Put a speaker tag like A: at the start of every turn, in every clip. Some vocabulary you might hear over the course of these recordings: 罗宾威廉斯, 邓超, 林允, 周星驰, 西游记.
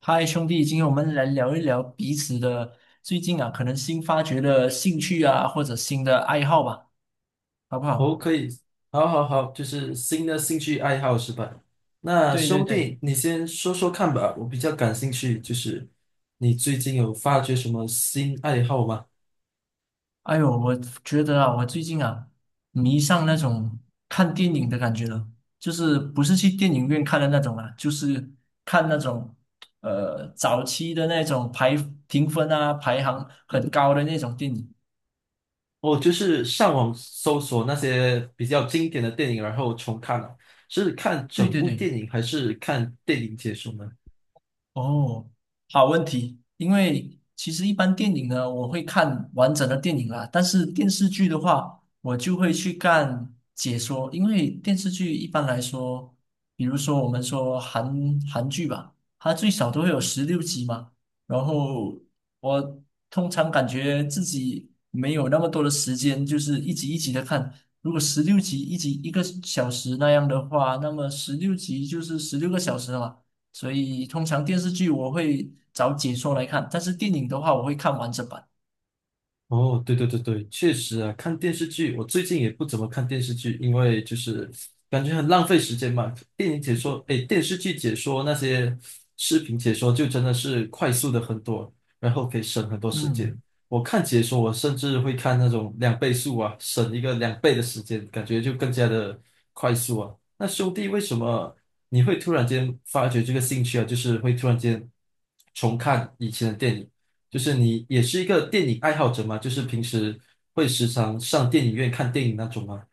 A: 嗨，兄弟，今天我们来聊一聊彼此的最近啊，可能新发掘的兴趣啊，或者新的爱好吧，好不
B: 哦，
A: 好？
B: 可以，好好好，就是新的兴趣爱好是吧？那
A: 对对
B: 兄
A: 对，
B: 弟，你先说说看吧，我比较感兴趣，就是你最近有发掘什么新爱好吗？
A: 哎呦，我觉得啊，我最近啊，迷上那种看电影的感觉了，就是不是去电影院看的那种啊，就是看那种早期的那种排评分啊，排行很高的那种电影。
B: 哦，就是上网搜索那些比较经典的电影，然后重看了，是看
A: 对
B: 整
A: 对
B: 部
A: 对。
B: 电影还是看电影解说呢？
A: 哦，好问题。因为其实一般电影呢，我会看完整的电影啦，但是电视剧的话，我就会去看解说。因为电视剧一般来说，比如说我们说韩剧吧，它最少都会有十六集嘛。然后我通常感觉自己没有那么多的时间，就是一集一集的看。如果十六集一集一个小时那样的话，那么十六集就是16个小时了嘛。所以通常电视剧我会找解说来看，但是电影的话我会看完整版。
B: 哦，对对对对，确实啊，看电视剧，我最近也不怎么看电视剧，因为就是感觉很浪费时间嘛。电影解说，诶，电视剧解说那些视频解说，就真的是快速的很多，然后可以省很多时间。
A: 嗯。
B: 我看解说，我甚至会看那种两倍速啊，省一个两倍的时间，感觉就更加的快速啊。那兄弟，为什么你会突然间发觉这个兴趣啊？就是会突然间重看以前的电影？就是你也是一个电影爱好者吗？就是平时会时常上电影院看电影那种吗？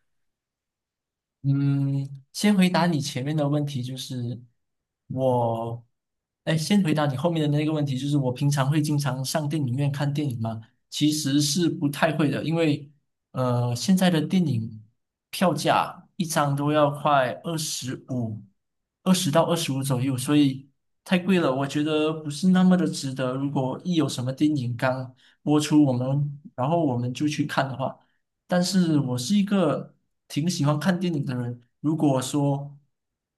A: 嗯，先回答你前面的问题，就是我，哎，先回答你后面的那个问题，就是我平常会经常上电影院看电影吗？其实是不太会的，因为现在的电影票价一张都要快二十五，二十到二十五左右，所以太贵了，我觉得不是那么的值得。如果一有什么电影刚播出，然后我们就去看的话。但是我是一个挺喜欢看电影的人。如果说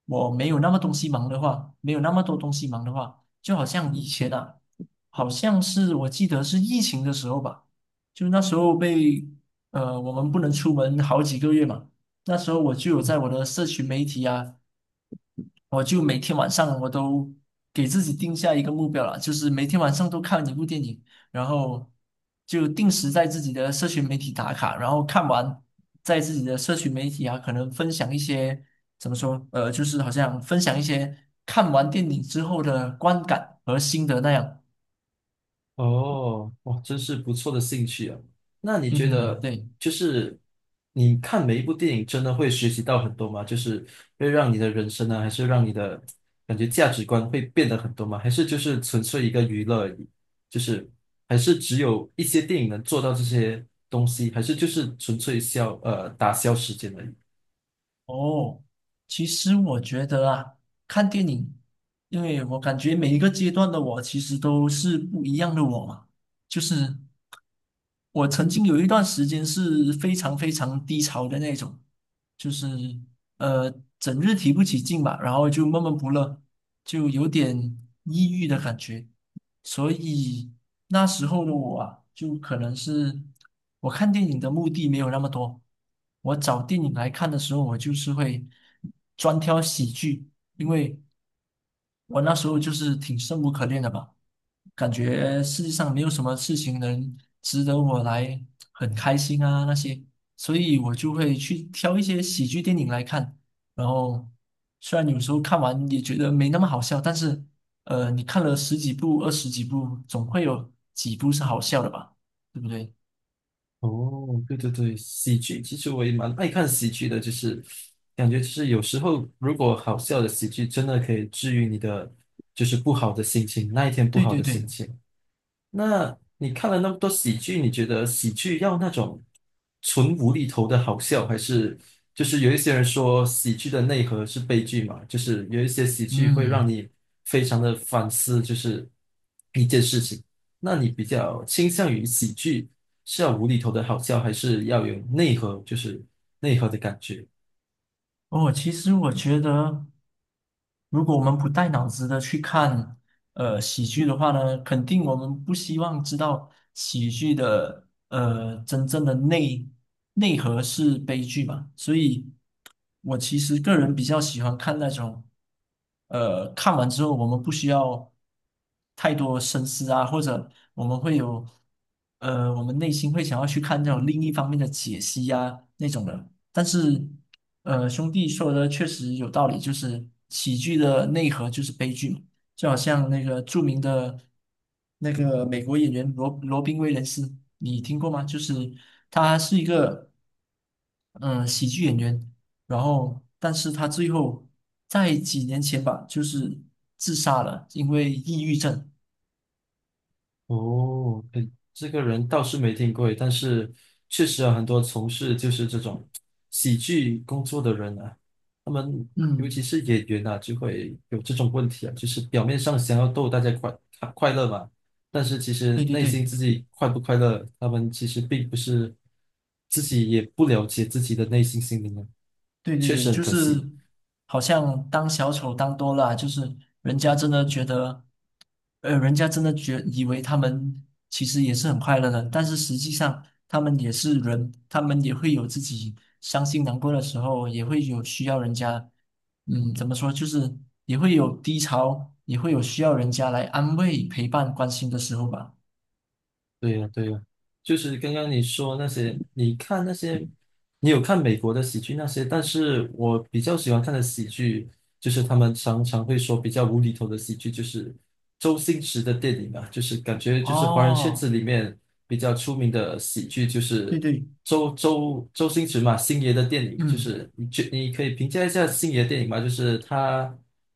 A: 我没有那么东西忙的话，没有那么多东西忙的话，就好像以前啊，好像是我记得是疫情的时候吧，就那时候我们不能出门好几个月嘛，那时候我就有在我的社群媒体啊。我就每天晚上我都给自己定下一个目标了，就是每天晚上都看一部电影，然后就定时在自己的社群媒体打卡，然后看完在自己的社群媒体啊，可能分享一些怎么说，就是好像分享一些看完电影之后的观感和心得那样。
B: 哦，哇，真是不错的兴趣啊！那你
A: 嗯
B: 觉
A: 哼，
B: 得，
A: 对。
B: 就是你看每一部电影，真的会学习到很多吗？就是会让你的人生呢，还是让你的感觉价值观会变得很多吗？还是就是纯粹一个娱乐而已？就是还是只有一些电影能做到这些东西，还是就是纯粹消打消时间而已？
A: 哦，其实我觉得啊，看电影，因为我感觉每一个阶段的我其实都是不一样的我嘛。就是我曾经有一段时间是非常非常低潮的那种，就是呃整日提不起劲吧，然后就闷闷不乐。就有点抑郁的感觉，所以那时候的我啊，就可能是我看电影的目的没有那么多，我找电影来看的时候，我就是会专挑喜剧，因为我那时候就是挺生无可恋的吧，感觉世界上没有什么事情能值得我来很开心啊那些，所以我就会去挑一些喜剧电影来看。然后虽然有时候看完也觉得没那么好笑，但是你看了十几部、二十几部，总会有几部是好笑的吧？对不对？
B: 哦，对对对，喜剧其实我也蛮爱看喜剧的，就是感觉就是有时候如果好笑的喜剧真的可以治愈你的就是不好的心情，那一天不
A: 对
B: 好
A: 对
B: 的心
A: 对，
B: 情。那你看了那么多喜剧，你觉得喜剧要那种纯无厘头的好笑，还是就是有一些人说喜剧的内核是悲剧嘛？就是有一些喜剧会让
A: 嗯。
B: 你非常的反思，就是一件事情。那你比较倾向于喜剧是要无厘头的好笑，还是要有内核，就是内核的感觉？
A: 哦，其实我觉得，如果我们不带脑子的去看喜剧的话呢，肯定我们不希望知道喜剧的真正的内核是悲剧嘛。所以，我其实个人比较喜欢看那种看完之后我们不需要太多深思啊，或者我们会有我们内心会想要去看那种另一方面的解析啊那种的，但是。兄弟说的确实有道理，就是喜剧的内核就是悲剧嘛，就好像那个著名的那个美国演员罗宾威廉斯，你听过吗？就是他是一个喜剧演员，然后但是他最后在几年前吧，就是自杀了，因为抑郁症。
B: 哦，对，这个人倒是没听过，但是确实有很多从事就是这种喜剧工作的人啊，他们尤其
A: 嗯，
B: 是演员啊，就会有这种问题啊，就是表面上想要逗大家快快快乐嘛，但是其实
A: 对对
B: 内
A: 对。
B: 心自己快不快乐，他们其实并不是自己也不了解自己的内心心灵啊，
A: 对对
B: 确
A: 对，
B: 实很
A: 就
B: 可惜。
A: 是好像当小丑当多了啊就是人家真的觉得，人家真的以为他们其实也是很快乐的，但是实际上他们也是人，他们也会有自己伤心难过的时候，也会有需要人家，嗯，怎么说，就是也会有低潮，也会有需要人家来安慰、陪伴、关心的时候吧。
B: 对呀，对呀，就是刚刚你说那些，你看那些，你有看美国的喜剧那些，但是我比较喜欢看的喜剧，就是他们常常会说比较无厘头的喜剧，就是周星驰的电影嘛，就是感觉就是华人圈
A: 哦，
B: 子里面比较出名的喜剧，就
A: 对
B: 是
A: 对，
B: 周星驰嘛，星爷的电影，就
A: 嗯
B: 是你可以评价一下星爷的电影吗？就是他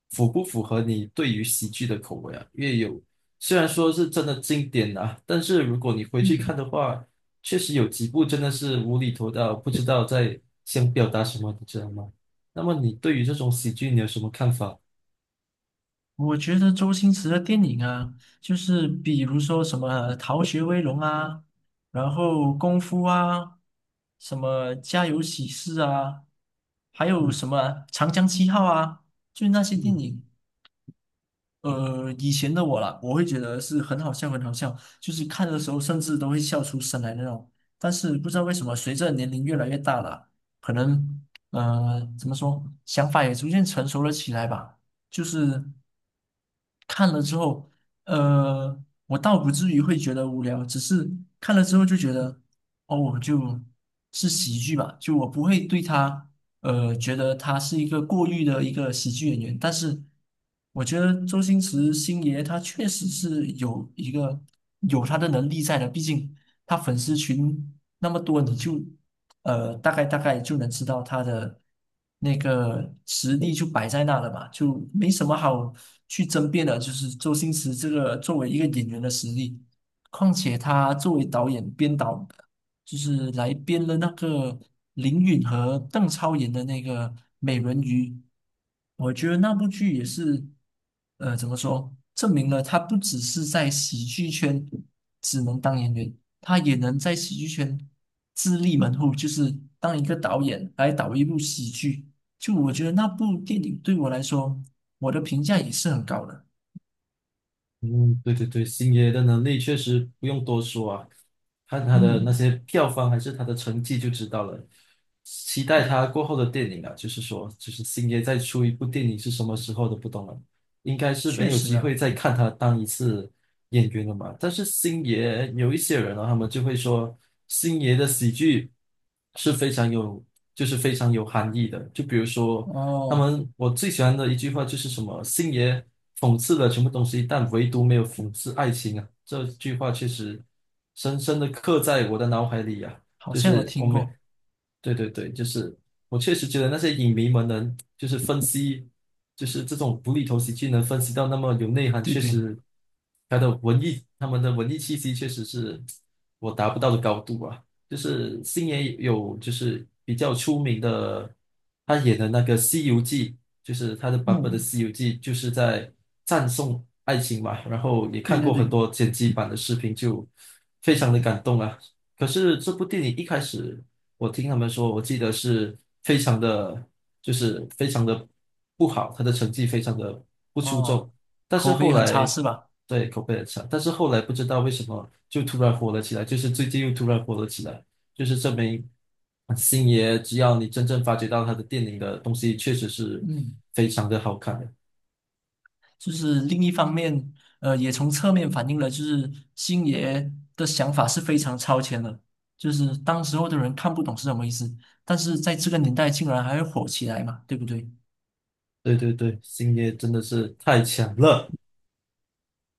B: 符不符合你对于喜剧的口味啊？因为有虽然说是真的经典啊，但是如果你回去看
A: 嗯。
B: 的话，确实有几部真的是无厘头到不知道在想表达什么，你知道吗？那么你对于这种喜剧你有什么看法？
A: 我觉得周星驰的电影啊，就是比如说什么逃学威龙》啊，然后《功夫》啊，什么《家有喜事》啊，还有什
B: 嗯
A: 么《长江七号》啊，就那些电
B: 嗯。
A: 影。以前的我啦，我会觉得是很好笑，很好笑，就是看的时候甚至都会笑出声来那种。但是不知道为什么，随着年龄越来越大了，可能怎么说，想法也逐渐成熟了起来吧。就是看了之后，呃，我倒不至于会觉得无聊，只是看了之后就觉得，哦，我就是喜剧吧，就我不会对他。觉得他是一个过誉的一个喜剧演员，但是我觉得周星驰星爷他确实是有一个有他的能力在的，毕竟他粉丝群那么多，你就大概就能知道他的那个实力就摆在那了嘛，就没什么好去争辩的，就是周星驰这个作为一个演员的实力，况且他作为导演编导。就是来编了那个林允和邓超演的那个《美人鱼》，我觉得那部剧也是，怎么说，证明了他不只是在喜剧圈只能当演员，他也能在喜剧圈自立门户，就是当一个导演来导一部喜剧。就我觉得那部电影对我来说，我的评价也是很高的。
B: 嗯，对对对，星爷的能力确实不用多说啊，看他的那
A: 嗯，
B: 些票房还是他的成绩就知道了。期待他过后的电影啊，就是说，就是星爷再出一部电影是什么时候都不懂了，应该是
A: 确
B: 没有
A: 实
B: 机
A: 啊，
B: 会再看他当一次演员了嘛。但是星爷有一些人啊，他们就会说，星爷的喜剧是非常有，就是非常有含义的。就比如说他
A: 哦，
B: 们我最喜欢的一句话就是什么"星爷讽刺了全部东西，但唯独没有讽刺爱情啊"。这句话确实深深的刻在我的脑海里啊。
A: 好
B: 就
A: 像有
B: 是我
A: 听
B: 每
A: 过，
B: 对对对，就是我确实觉得那些影迷们能就是分析，就是这种无厘头喜剧能分析到那么有内涵，
A: 对
B: 确
A: 对，
B: 实他的文艺，他们的文艺气息确实是我达不到的高度啊。就是星爷有就是比较出名的，他演的那个《西游记》，就是他的版本的
A: 嗯，
B: 《西游记》，就是在赞颂爱情嘛。然后也
A: 对
B: 看
A: 对
B: 过很
A: 对。
B: 多剪辑版的视频，就非常的感动啊。可是这部电影一开始，我听他们说，我记得是非常的，就是非常的不好，他的成绩非常的不出众。
A: 哦，
B: 但是
A: 口碑
B: 后
A: 很差
B: 来，
A: 是吧？
B: 对，口碑很差。但是后来不知道为什么就突然火了起来，就是最近又突然火了起来，就是证明星爷只要你真正发掘到他的电影的东西，确实是
A: 嗯，
B: 非常的好看的。
A: 就是另一方面，也从侧面反映了，就是星爷的想法是非常超前的，就是当时候的人看不懂是什么意思，但是在这个年代竟然还会火起来嘛，对不对？
B: 对对对，星爷真的是太强了。